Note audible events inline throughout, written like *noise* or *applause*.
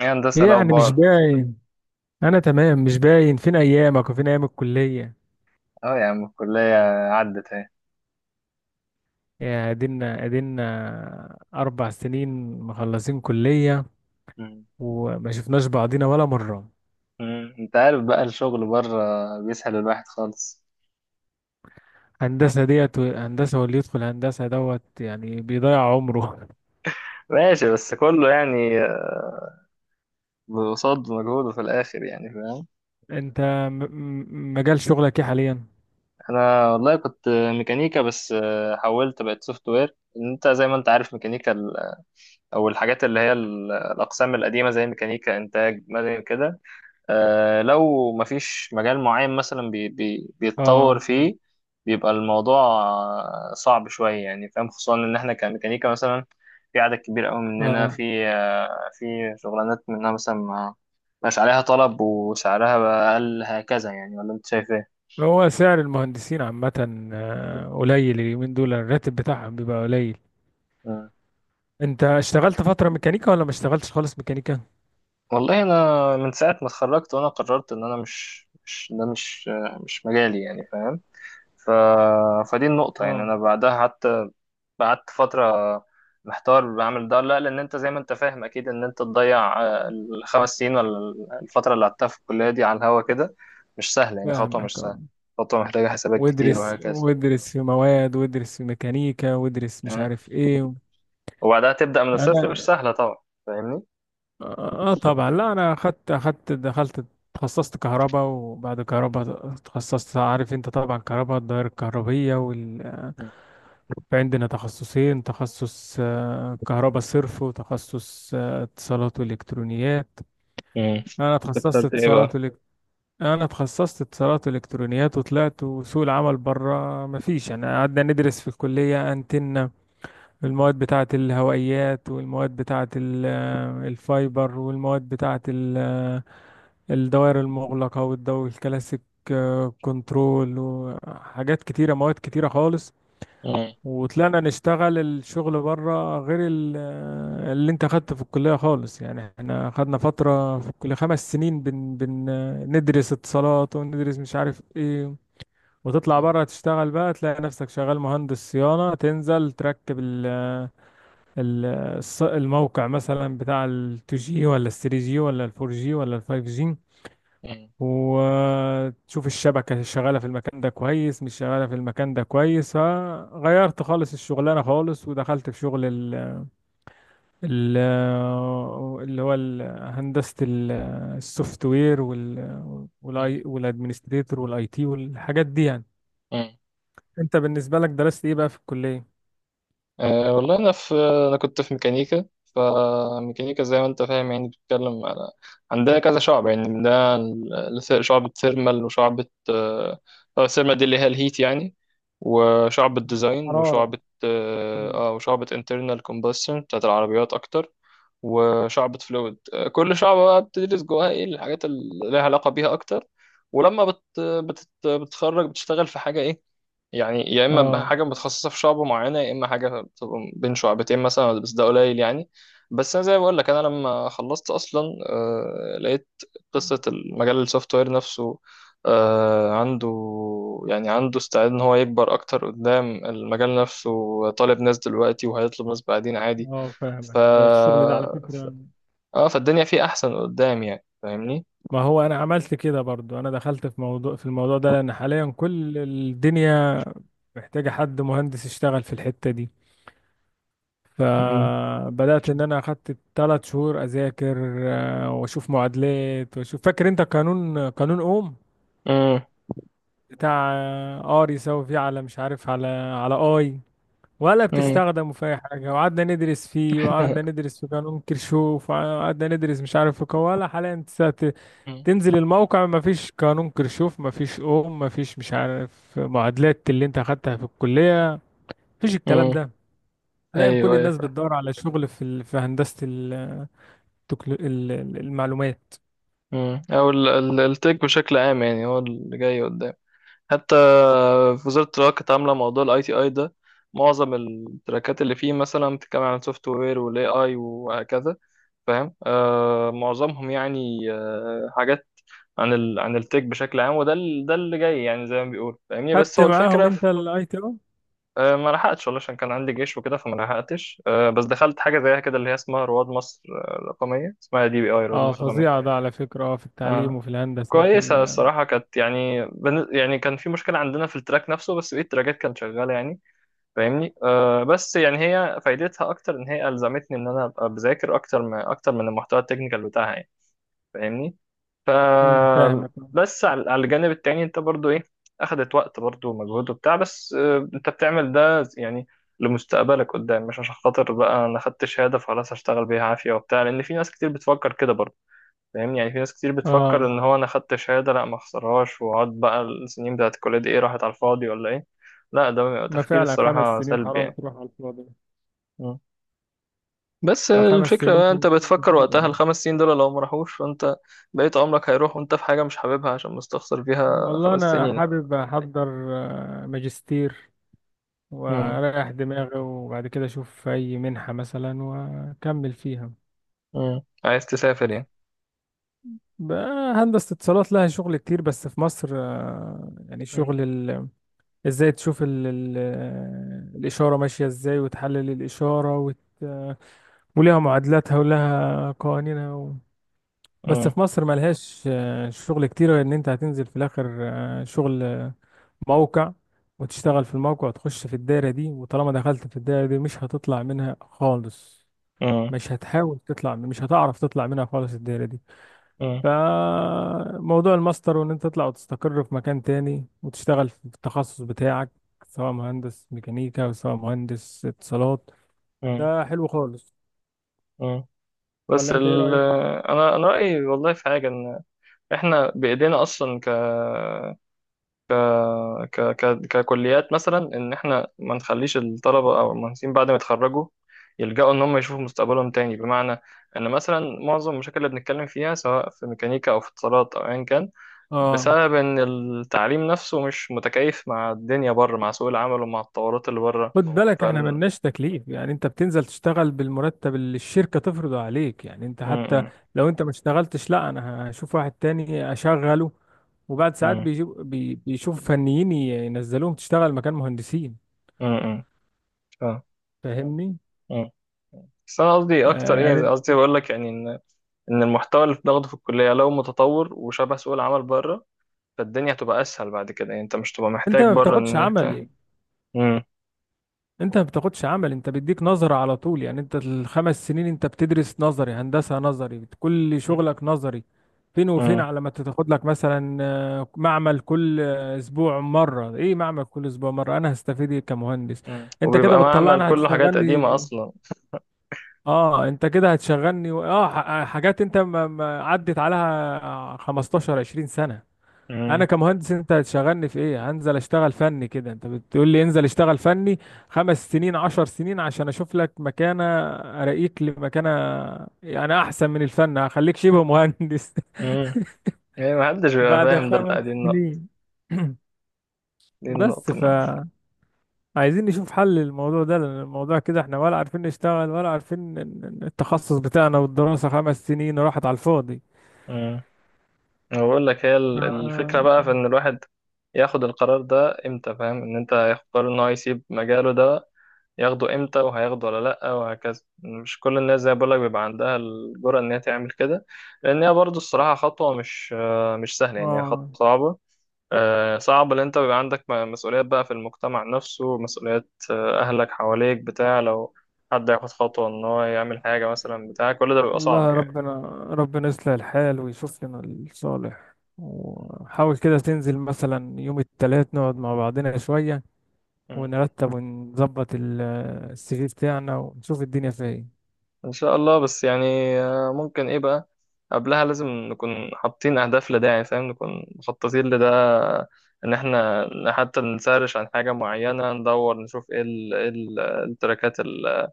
ايه هندسة ايه يعني مش الأخبار؟ باين. انا تمام، مش باين فين ايامك وفين ايام الكليه. اه يا عم الكلية، عدت اهي. يا ادينا 4 سنين مخلصين كليه مم. وما شفناش بعضينا ولا مره. مم. انت عارف بقى الشغل بره بيسحل الواحد خالص. هندسه ديت، هندسه واللي يدخل هندسه دوت يعني بيضيع عمره. ماشي، بس كله يعني قصاد مجهوده في الآخر، يعني فاهم. *laughs* انت مجال شغلك ايه حاليا؟ أنا والله كنت ميكانيكا، بس حولت بقت سوفت وير. انت زي ما انت عارف، ميكانيكا ال- او الحاجات اللي هي ال- الأقسام القديمة زي ميكانيكا إنتاج مدني كده. لو مفيش مجال معين مثلا بي بي اه. بيتطور فيه، بيبقى الموضوع صعب شوية، يعني فاهم. خصوصا إن إحنا كميكانيكا مثلا في عدد كبير أوي مننا اه. في في شغلانات منها مثلا ما مش عليها طلب وسعرها بقى أقل هكذا، يعني ولا أنت شايف إيه؟ هو سعر المهندسين عامه قليل، اليومين دول الراتب بتاعهم بيبقى قليل. مم. انت اشتغلت فتره ميكانيكا ولا ما اشتغلتش خالص ميكانيكا؟ والله أنا من ساعة ما اتخرجت وأنا قررت إن أنا مش ده مش مجالي، يعني فاهم؟ ف... فدي النقطة، يعني اه، أنا بعدها حتى قعدت فترة محتار بعمل ده ولا لا، لأن أنت زي ما أنت فاهم أكيد إن أنت تضيع الخمس سنين ولا الفترة اللي قعدتها في الكلية دي على الهوا كده مش سهلة، يعني خطوة فاهمك. مش سهلة. اه. خطوة محتاجة حسابات كتير وادرس وهكذا. وادرس في مواد وادرس في ميكانيكا وادرس مش مم. عارف ايه. وبعدها تبدأ من انا، الصفر، مش سهلة طبعا. فاهمني؟ اه طبعا. لا، انا اخدت دخلت. تخصصت كهرباء وبعد كهرباء تخصصت، عارف انت طبعا كهرباء الدوائر الكهربية وال... في عندنا تخصصين: تخصص كهرباء صرف، وتخصص اتصالات والكترونيات. مم. انا أنت تخصصت اخترت إيه اتصالات بقى؟ والك... انا تخصصت اتصالات والكترونيات وطلعت، وسوق العمل بره مفيش يعني. قعدنا ندرس في الكلية انتن المواد بتاعة الهوائيات، والمواد بتاعة ال- الفايبر، والمواد بتاعة ال- الدوائر المغلقة والدو الكلاسيك، كنترول، وحاجات كتيرة مواد كتيرة خالص. مم. وطلعنا نشتغل الشغل بره غير ال- اللي انت خدته في الكلية خالص. يعني احنا خدنا فترة في الكلية 5 سنين بن بن آه، ندرس اتصالات وندرس مش عارف ايه، وتطلع مم. بره تشتغل بقى تلاقي نفسك شغال مهندس صيانة تنزل تركب ال الموقع مثلا بتاع ال 2G ولا ال 3G ولا ال 4G ولا ال 5G، وتشوف الشبكة شغالة في المكان ده كويس، مش شغالة في المكان ده كويس. فغيرت خالص الشغلانة خالص ودخلت في شغل ال ال اللي هو ال- هندسة ال- السوفت وير وال والاي مم. والادمنستريتور والاي تي والحاجات دي يعني. مم. انت بالنسبة لك درست ايه بقى في الكلية؟ أه والله أنا في، أنا كنت في ميكانيكا. فميكانيكا زي ما أنت فاهم، يعني بتتكلم على، عندنا كذا شعب، يعني عندنا ال- الس- شعبة ثيرمال وشعبة الثيرمال دي اللي هي الهيت يعني، وشعبة ديزاين حرارة. وشعبة، مم. وشعبة انترنال كومبشن بتاعت العربيات أكتر، وشعبة فلويد. كل شعبة بقى بتدرس جواها إيه الحاجات اللي لها علاقة بيها أكتر. ولما بت بت بتتخرج بتشتغل في حاجة إيه، يعني يا اما بقى اه. حاجه متخصصه في شعبه معينه، يا اما حاجه بتبقى بين شعبتين مثلا، بس ده قليل يعني. بس انا زي ما بقول لك، انا لما خلصت اصلا لقيت قصه المجال السوفت وير نفسه عنده، يعني عنده استعداد ان هو يكبر اكتر. قدام المجال نفسه طالب ناس دلوقتي وهيطلب ناس بعدين عادي. اه، ف فاهمك، ده الشغل ده على ف- فكرة. اه فالدنيا فيه احسن قدام، يعني فاهمني. ما هو انا عملت كده برضو، انا دخلت في الموضوع ده لان حاليا كل الدنيا محتاجة حد مهندس يشتغل في الحتة دي. امم فبدأت ان انا اخدت 3 شهور اذاكر، واشوف معادلات واشوف. فاكر انت قانون اوم، بتاع ار يساوي في على مش عارف على اي، ولا امم امم بتستخدمه في اي حاجة؟ وقعدنا ندرس فيه، وقعدنا ندرس في قانون كيرشوف، وقعدنا ندرس مش عارف في قوة ولا حاليا. تنزل *laughs* الموقع مفيش قانون كرشوف، مفيش اوم، مفيش مش عارف معادلات اللي انت اخدتها في الكلية. مفيش الكلام ده. حاليا كل ايوه، الناس ايوه. بتدور على شغل في ال... في هندسة ال... المعلومات. مم. او ال- ال- التك بشكل عام، يعني هو اللي جاي قدام. حتى في وزارة التراك كانت عاملة موضوع الاي تي اي ده. معظم التراكات اللي فيه مثلا بتتكلم عن السوفت وير والاي اي وهكذا، فاهم. معظمهم يعني حاجات عن عن التك بشكل عام. وده ال- ده اللي جاي يعني زي ما بيقول، فاهمني. بس خدت هو معاهم الفكرة في- انت الاي تي او؟ ما لحقتش والله، عشان كان عندي جيش وكده، فما لحقتش بس دخلت حاجة زيها كده، اللي هي اسمها رواد مصر الرقمية، اسمها دي بي اي رواد اه، مصر فظيعة الرقمية. ده على فكرة، اه، في التعليم آه. وفي الهندسة وفي كويسة ال... الصراحة، كانت يعني يعني كان في مشكلة عندنا في التراك نفسه، بس بقية التراكات كانت شغالة يعني، فاهمني. أه بس يعني هي فايدتها أكتر إن هي ألزمتني إن أنا أبقى بذاكر أكتر، من المحتوى التكنيكال بتاعها يعني، فاهمني. ف مم، فاهمك. بس على الجانب التاني أنت برضو إيه، أخدت وقت برضو ومجهود وبتاع، بس أه أنت بتعمل ده يعني لمستقبلك قدام، مش عشان خاطر بقى أنا خدت شهادة فخلاص هشتغل بيها عافية وبتاع، لأن في ناس كتير بتفكر كده برضو، فاهمني. يعني في ناس كتير بتفكر اه، ان هو انا خدت شهاده، لا ما اخسرهاش، واقعد بقى السنين بتاعت الكليه دي ايه، راحت على الفاضي ولا ايه؟ لا، ده بيبقى ما تفكير فعلا خمس الصراحه سنين سلبي حرام يعني. تروح على الفاضي. مم. بس فخمس الفكره سنين بقى انت بتفكر كتير وقتها يعني. الخمس سنين دول لو ما راحوش، فانت بقيت عمرك هيروح وانت في حاجه مش حاببها عشان مستخسر فيها والله خمس انا سنين. حابب احضر ماجستير مم. وأريح دماغي، وبعد كده أشوف أي منحة مثلا وأكمل فيها. مم. عايز تسافر يعني. بقى هندسة اتصالات لها شغل كتير، بس في مصر يعني مم. شغل ال... ازاي تشوف ال... ال... الإشارة ماشية ازاي وتحلل الإشارة وت... ولها معادلاتها ولها قوانينها و... بس مم. في مصر ملهاش شغل كتير، غير ان انت هتنزل في الاخر شغل موقع وتشتغل في الموقع وتخش في الدايرة دي، وطالما دخلت في الدايرة دي مش هتطلع منها خالص. مم. مش هتحاول تطلع، مش هتعرف تطلع منها خالص الدايرة دي. مم. فموضوع الماستر، وان انت تطلع وتستقر في مكان تاني وتشتغل في التخصص بتاعك سواء مهندس ميكانيكا أو سواء مهندس اتصالات، مم. ده حلو خالص. مم. بس ولا انت ايه ال رأيك؟ انا رايي والله في حاجه، ان احنا بايدينا اصلا ك ك ك ككليات مثلا، ان احنا ما نخليش الطلبه او المهندسين بعد ما يتخرجوا يلجأوا ان هم يشوفوا مستقبلهم تاني. بمعنى ان مثلا معظم المشاكل اللي بنتكلم فيها سواء في ميكانيكا او في اتصالات او ايا كان، اه، بسبب ان التعليم نفسه مش متكيف مع الدنيا بره، مع سوق العمل ومع التطورات اللي بره. خد ف بالك احنا ملناش تكليف، يعني انت بتنزل تشتغل بالمرتب اللي الشركة تفرضه عليك. يعني انت حتى امم لو انت ما اشتغلتش، لا، انا هشوف واحد تاني اشغله. وبعد ساعات امم بيجيب بيشوف فنيين ينزلوهم تشتغل مكان مهندسين، فاهمني؟ بس انا قصدي اكتر، ايه يعني قصدي بقول لك، يعني ان المحتوى اللي بناخده في الكليه لو متطور وشبه سوق العمل بره، فالدنيا هتبقى اسهل بعد كده، يعني انت مش تبقى انت محتاج ما بره بتاخدش ان انت. عملي، مم. انت ما بتاخدش عمل، انت بيديك نظرة على طول. يعني انت الخمس سنين انت بتدرس نظري، هندسة نظري، كل شغلك نظري. فين وفين مم. على ما تاخد لك مثلا معمل كل اسبوع مرة. ايه معمل كل اسبوع مرة؟ انا هستفيد ايه كمهندس؟ مم. انت كده وبيبقى معمل بتطلعني، لا لا، كله حاجات قديمة هتشغلني. اصلا. اه، انت كده هتشغلني حاجات انت ما عدت عليها 15 20 سنة. انا مم. كمهندس انت هتشغلني في ايه؟ هنزل اشتغل فني كده؟ انت بتقول لي انزل اشتغل فني 5 سنين 10 سنين عشان اشوف لك مكانة، اراقيك لمكانة. يعني احسن من الفن، هخليك شبه مهندس. *laughs* مم. يعني محدش بيبقى بعد فاهم ده خمس بقى، دي النقطة، سنين دي بس النقطة ما. عايزين نشوف حل للموضوع ده لان الموضوع كده احنا ولا عارفين نشتغل ولا عارفين التخصص بتاعنا، والدراسة 5 سنين راحت على الفاضي. مم. أنا بقول لك هي ال- الفكرة آه. بقى في إن الواحد ياخد القرار ده إمتى، فاهم. إن أنت ياخد قرار إن هو يسيب مجاله ده ياخده إمتى وهياخده ولا لأ وهكذا. مش كل الناس زي ما بقول لك بيبقى عندها الجرأة إن هي تعمل كده، لأن هي برضه الصراحة خطوة مش سهلة يعني، هي خطوة آه. صعبة. صعب ان انت بيبقى عندك مسؤوليات بقى في المجتمع نفسه، مسؤوليات اهلك حواليك بتاع، لو حد ياخد خطوة ان هو يعمل حاجة مثلا بتاع، كل ده بيبقى صعب والله يعني. ربنا. ربنا يصلح الحال ويشوف لنا الصالح. مم. وحاول كده تنزل مثلا يوم التلات نقعد مع بعضنا شوية مم. ونرتب ونظبط ال- السي في بتاعنا ونشوف الدنيا فيها ايه، ان شاء الله. بس يعني ممكن ايه بقى، قبلها لازم نكون حاطين اهداف لده، يعني فاهم، نكون مخططين لده. ان احنا حتى نسرش عن حاجة معينة، ندور نشوف ايه ال- إيه ال- التراكات ال-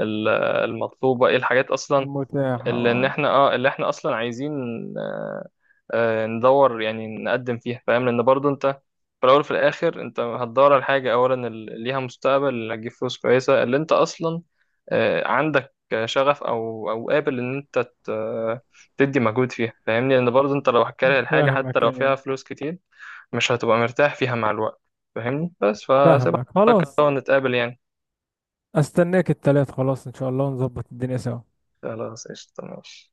ال- المطلوبة، ايه الحاجات اصلا المتاح. اه، اللي احنا اصلا عايزين. آه، ندور يعني نقدم فيها، فاهم. لان برضو انت في الاول وفي الاخر انت هتدور على حاجه، اولا اللي ليها مستقبل، اللي هتجيب فلوس كويسه، اللي انت اصلا عندك شغف، او قابل ان انت ت- تدي مجهود فيها، فاهمني. لان برضو انت لو هتكره الحاجه حتى فاهمك. لو فيها ايه، فلوس كتير، مش هتبقى مرتاح فيها مع الوقت، فاهمني. بس فسيبها فاهمك خلاص. نتقابل يعني. استناك التلات، خلاص ان شاء الله ونظبط الدنيا سوا. خلاص، قشطة، ماشي.